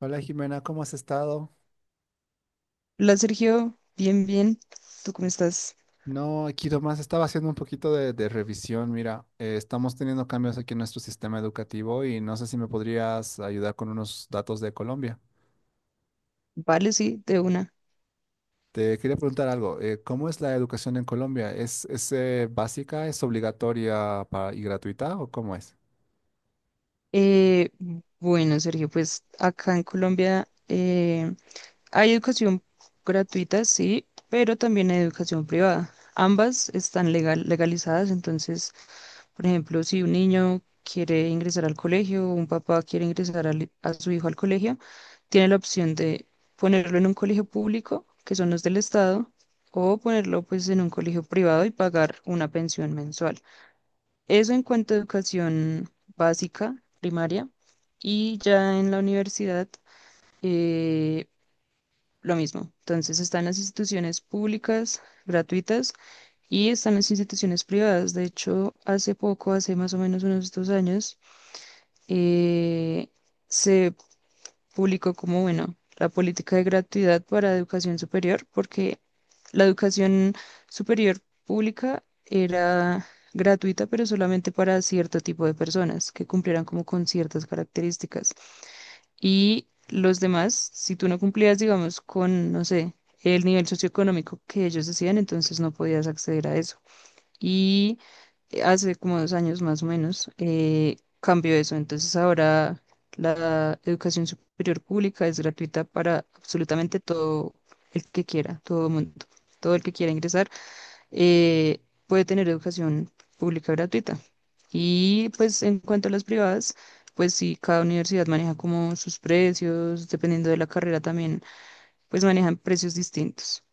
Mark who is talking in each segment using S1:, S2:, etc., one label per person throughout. S1: Hola Jimena, ¿cómo has estado?
S2: Hola Sergio, bien, bien. ¿Tú cómo estás?
S1: No, aquí nomás estaba haciendo un poquito de revisión. Mira, estamos teniendo cambios aquí en nuestro sistema educativo y no sé si me podrías ayudar con unos datos de Colombia.
S2: Vale, sí, de una.
S1: Te quería preguntar algo, ¿cómo es la educación en Colombia? ¿ básica, es obligatoria y gratuita o cómo es?
S2: Eh, bueno, Sergio, pues acá en Colombia hay educación gratuita, sí, pero también hay educación privada. Ambas están legalizadas, entonces, por ejemplo, si un niño quiere ingresar al colegio o un papá quiere ingresar a su hijo al colegio, tiene la opción de ponerlo en un colegio público, que son los del Estado, o ponerlo pues en un colegio privado y pagar una pensión mensual. Eso en cuanto a educación básica, primaria, y ya en la universidad, eh, lo mismo. Entonces están las instituciones públicas, gratuitas, y están las instituciones privadas. De hecho, hace poco, hace más o menos unos 2 años, eh, se público como, bueno, la política de gratuidad para educación superior, porque la educación superior pública era gratuita, pero solamente para cierto tipo de personas que cumplieran como con ciertas características. Y los demás, si tú no cumplías, digamos, con, no sé, el nivel socioeconómico que ellos decían, entonces no podías acceder a eso. Y hace como 2 años más o menos, cambió eso. Entonces ahora la educación superior pública es gratuita para absolutamente todo el que quiera, todo mundo, todo el que quiera ingresar, eh, puede tener educación pública gratuita. Y pues en cuanto a las privadas, pues sí, cada universidad maneja como sus precios, dependiendo de la carrera también, pues manejan precios distintos.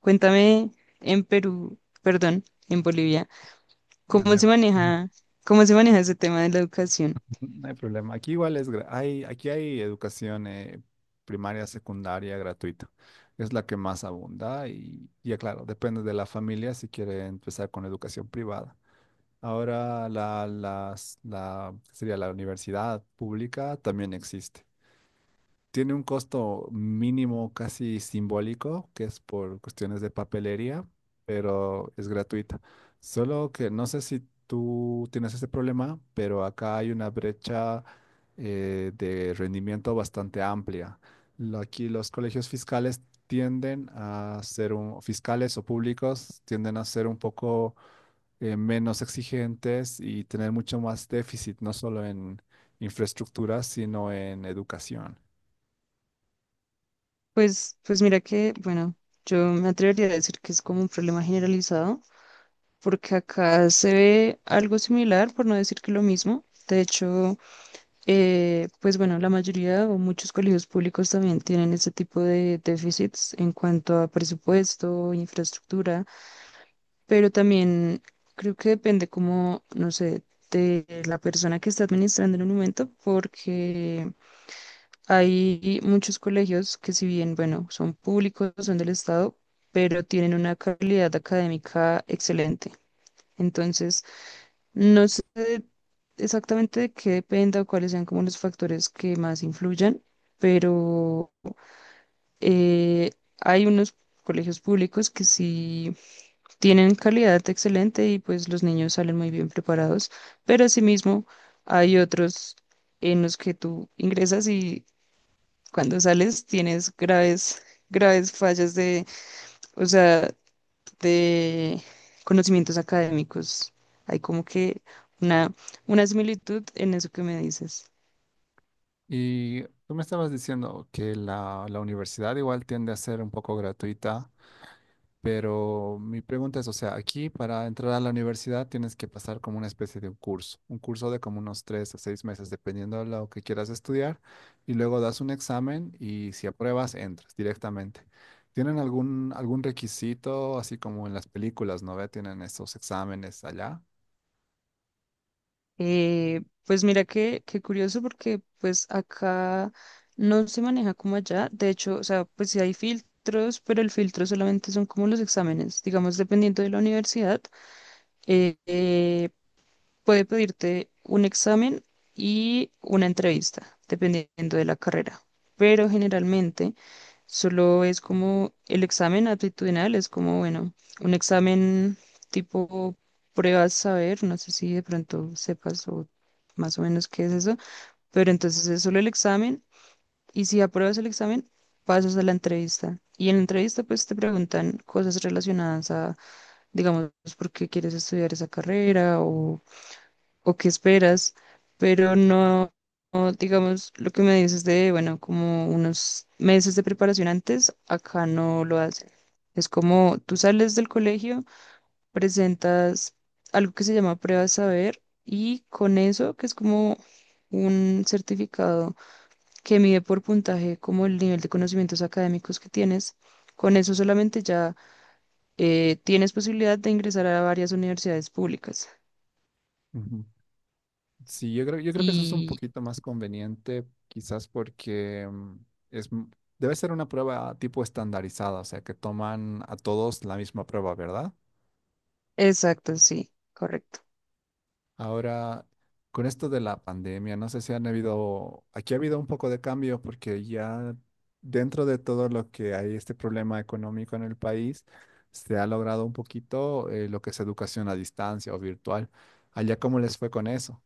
S2: Cuéntame en Perú, perdón, en Bolivia.
S1: Ah, no
S2: ¿Cómo
S1: hay,
S2: se maneja, cómo se maneja ese tema de la educación?
S1: no hay problema. Aquí igual es, aquí hay educación primaria, secundaria, gratuita. Es la que más abunda y ya claro, depende de la familia si quiere empezar con educación privada. Ahora ¿qué sería? La universidad pública también existe. Tiene un costo mínimo casi simbólico, que es por cuestiones de papelería, pero es gratuita. Solo que no sé si tú tienes ese problema, pero acá hay una brecha de rendimiento bastante amplia. Aquí los colegios fiscales tienden a ser fiscales o públicos tienden a ser un poco menos exigentes y tener mucho más déficit, no solo en infraestructura, sino en educación.
S2: Pues mira que, bueno, yo me atrevería a decir que es como un problema generalizado, porque acá se ve algo similar, por no decir que lo mismo. De hecho, pues bueno, la mayoría o muchos colegios públicos también tienen ese tipo de déficits en cuanto a presupuesto, infraestructura, pero también creo que depende como, no sé, de la persona que está administrando en un momento, porque hay muchos colegios que si bien, bueno, son públicos, son del Estado, pero tienen una calidad académica excelente. Entonces, no sé exactamente de qué dependa o cuáles sean como los factores que más influyan, pero eh, hay unos colegios públicos que sí tienen calidad excelente y pues los niños salen muy bien preparados, pero asimismo hay otros en los que tú ingresas y cuando sales tienes graves, graves fallas de, o sea, de conocimientos académicos. Hay como que una, una similitud en eso que me dices.
S1: Y tú me estabas diciendo que la universidad igual tiende a ser un poco gratuita, pero mi pregunta es, o sea, aquí para entrar a la universidad tienes que pasar como una especie de un curso de como unos 3 a 6 meses, dependiendo de lo que quieras estudiar, y luego das un examen y si apruebas, entras directamente. ¿Tienen algún requisito, así como en las películas, ¿no ve? ¿Tienen esos exámenes allá?
S2: Pues mira que, qué curioso porque pues acá no se maneja como allá. De hecho, o sea, pues sí hay filtros, pero el filtro solamente son como los exámenes. Digamos, dependiendo de la universidad, eh, eh, puede pedirte un examen y una entrevista, dependiendo de la carrera. Pero generalmente solo es como el examen aptitudinal, es como, bueno, un examen tipo pruebas saber, no sé si de pronto sepas o más o menos qué es eso, pero entonces es solo el examen, y si apruebas el examen, pasas a la entrevista. Y en la entrevista pues te preguntan cosas relacionadas a, digamos, por qué quieres estudiar esa carrera o qué esperas, pero no, no, digamos, lo que me dices de, bueno, como unos meses de preparación antes, acá no lo hacen. Es como tú sales del colegio, presentas algo que se llama prueba de saber y con eso, que es como un certificado que mide por puntaje como el nivel de conocimientos académicos que tienes, con eso solamente ya, tienes posibilidad de ingresar a varias universidades públicas.
S1: Ujú. Sí, yo creo que eso es un
S2: Y
S1: poquito más conveniente, quizás porque es, m- debe ser una prueba tipo estandarizada, o sea, que toman a todos la misma prueba, ¿verdad?
S2: exacto, sí, correcto.
S1: Ahora, con esto de la pandemia, no sé si han habido, aquí ha habido un poco de cambio porque ya dentro de todo lo que hay este problema económico en el país, se ha logrado un poquito lo que es educación a distancia o virtual. Allá, ¿cómo les fue con eso?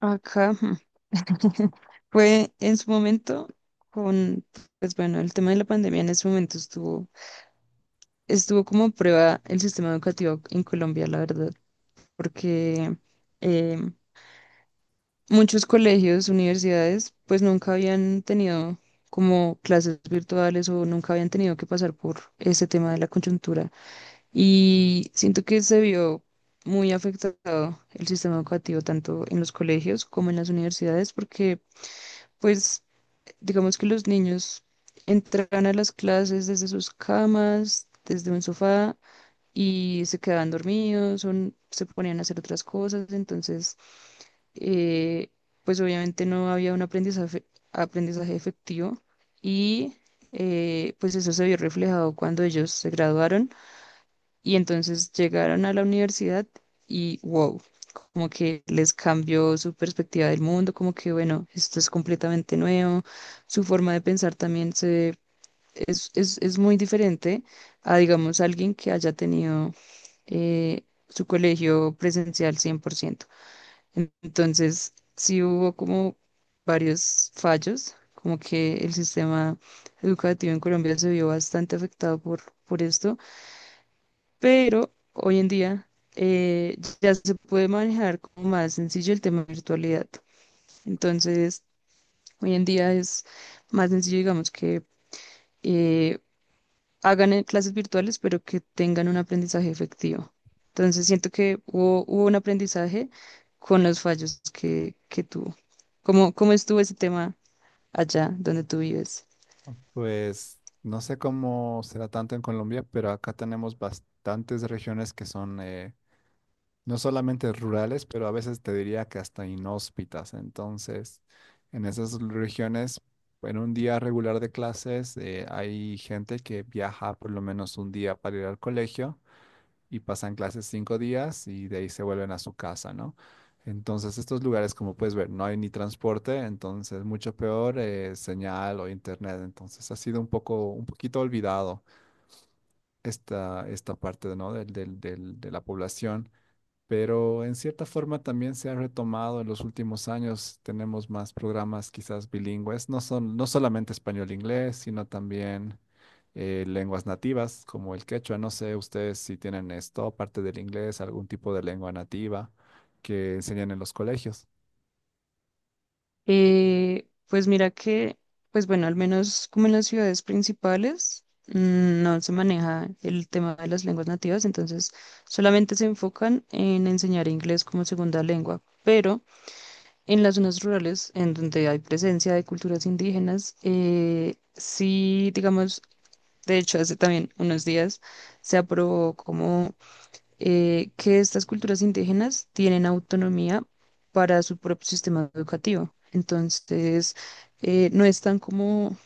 S2: Acá fue en su momento con, pues bueno, el tema de la pandemia. En ese momento estuvo como a prueba el sistema educativo en Colombia, la verdad, porque eh, muchos colegios, universidades, pues nunca habían tenido como clases virtuales o nunca habían tenido que pasar por ese tema de la coyuntura. Y siento que se vio muy afectado el sistema educativo tanto en los colegios como en las universidades, porque… Pues digamos que los niños entran a las clases desde sus camas, desde un sofá y se quedaban dormidos o n- se ponían a hacer otras cosas. Entonces, eh, pues obviamente no había un aprendizaje, efectivo, y pues eso se vio reflejado cuando ellos se graduaron y entonces llegaron a la universidad, y wow, como que les cambió su perspectiva del mundo, como que bueno, esto es completamente nuevo, su forma de pensar también es muy diferente a, digamos, alguien que haya tenido su colegio presencial 100%. Entonces, sí hubo como varios fallos, como que el sistema educativo en Colombia se vio bastante afectado por esto, pero hoy en día ya se puede manejar como más sencillo el tema de virtualidad. Entonces, hoy en día es más sencillo, digamos, que eh, hagan clases virtuales, pero que tengan un aprendizaje efectivo. Entonces, siento que hubo un aprendizaje con los fallos que tuvo. ¿Cómo estuvo ese tema allá donde tú vives?
S1: Pues no sé cómo será tanto en Colombia, pero acá tenemos bastantes regiones que son no solamente rurales, pero a veces te diría que hasta inhóspitas. Entonces, en esas regiones, en un día regular de clases, hay gente que viaja por lo menos un día para ir al colegio y pasan clases 5 días y de ahí se vuelven a su casa, ¿no? Entonces, estos lugares, como puedes ver, no hay ni transporte, entonces mucho peor señal o internet. Entonces, ha sido un poco, un poquito olvidado esta parte, ¿no? De la población. Pero en cierta forma también se ha retomado en los últimos años. Tenemos más programas quizás bilingües, no solamente español-inglés, sino también lenguas nativas como el quechua. No sé ustedes si tienen esto, aparte del inglés, algún tipo de lengua nativa que enseñan en los colegios.
S2: Pues mira que, pues bueno, al menos como en las ciudades principales, no se maneja el tema de las lenguas nativas, entonces solamente se enfocan en enseñar inglés como segunda lengua, pero en las zonas rurales, en donde hay presencia de culturas indígenas, sí, digamos, de hecho, hace también unos días se aprobó como que estas culturas indígenas tienen autonomía para su propio sistema educativo. Entonces, no están como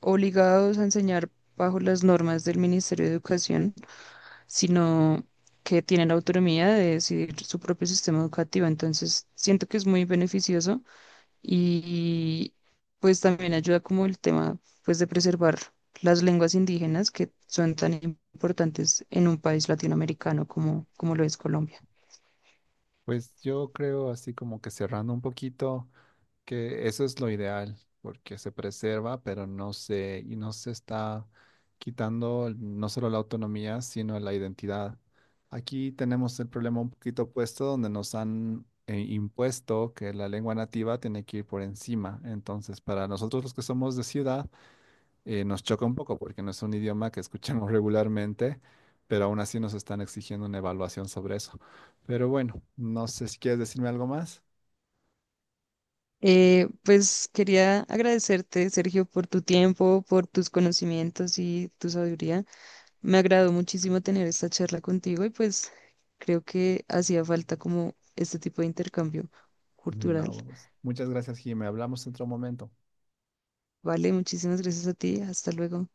S2: obligados a enseñar bajo las normas del Ministerio de Educación, sino que tienen autonomía de decidir su propio sistema educativo. Entonces, siento que es muy beneficioso y pues también ayuda como el tema pues de preservar las lenguas indígenas, que son tan importantes en un país latinoamericano como, como lo es Colombia.
S1: Pues yo creo, así como que cerrando un poquito, que eso es lo ideal, porque se preserva, y no se está quitando no solo la autonomía, sino la identidad. Aquí tenemos el problema un poquito opuesto, donde nos han impuesto que la lengua nativa tiene que ir por encima. Entonces, para nosotros los que somos de ciudad, nos choca un poco porque no es un idioma que escuchamos regularmente, pero aún así nos están exigiendo una evaluación sobre eso. Pero bueno, no sé si quieres decirme algo más.
S2: Pues quería agradecerte, Sergio, por tu tiempo, por tus conocimientos y tu sabiduría. Me agradó muchísimo tener esta charla contigo y pues creo que hacía falta como este tipo de intercambio cultural.
S1: No, pues, muchas gracias, Jimé. Hablamos en otro momento.
S2: Vale, muchísimas gracias a ti. Hasta luego.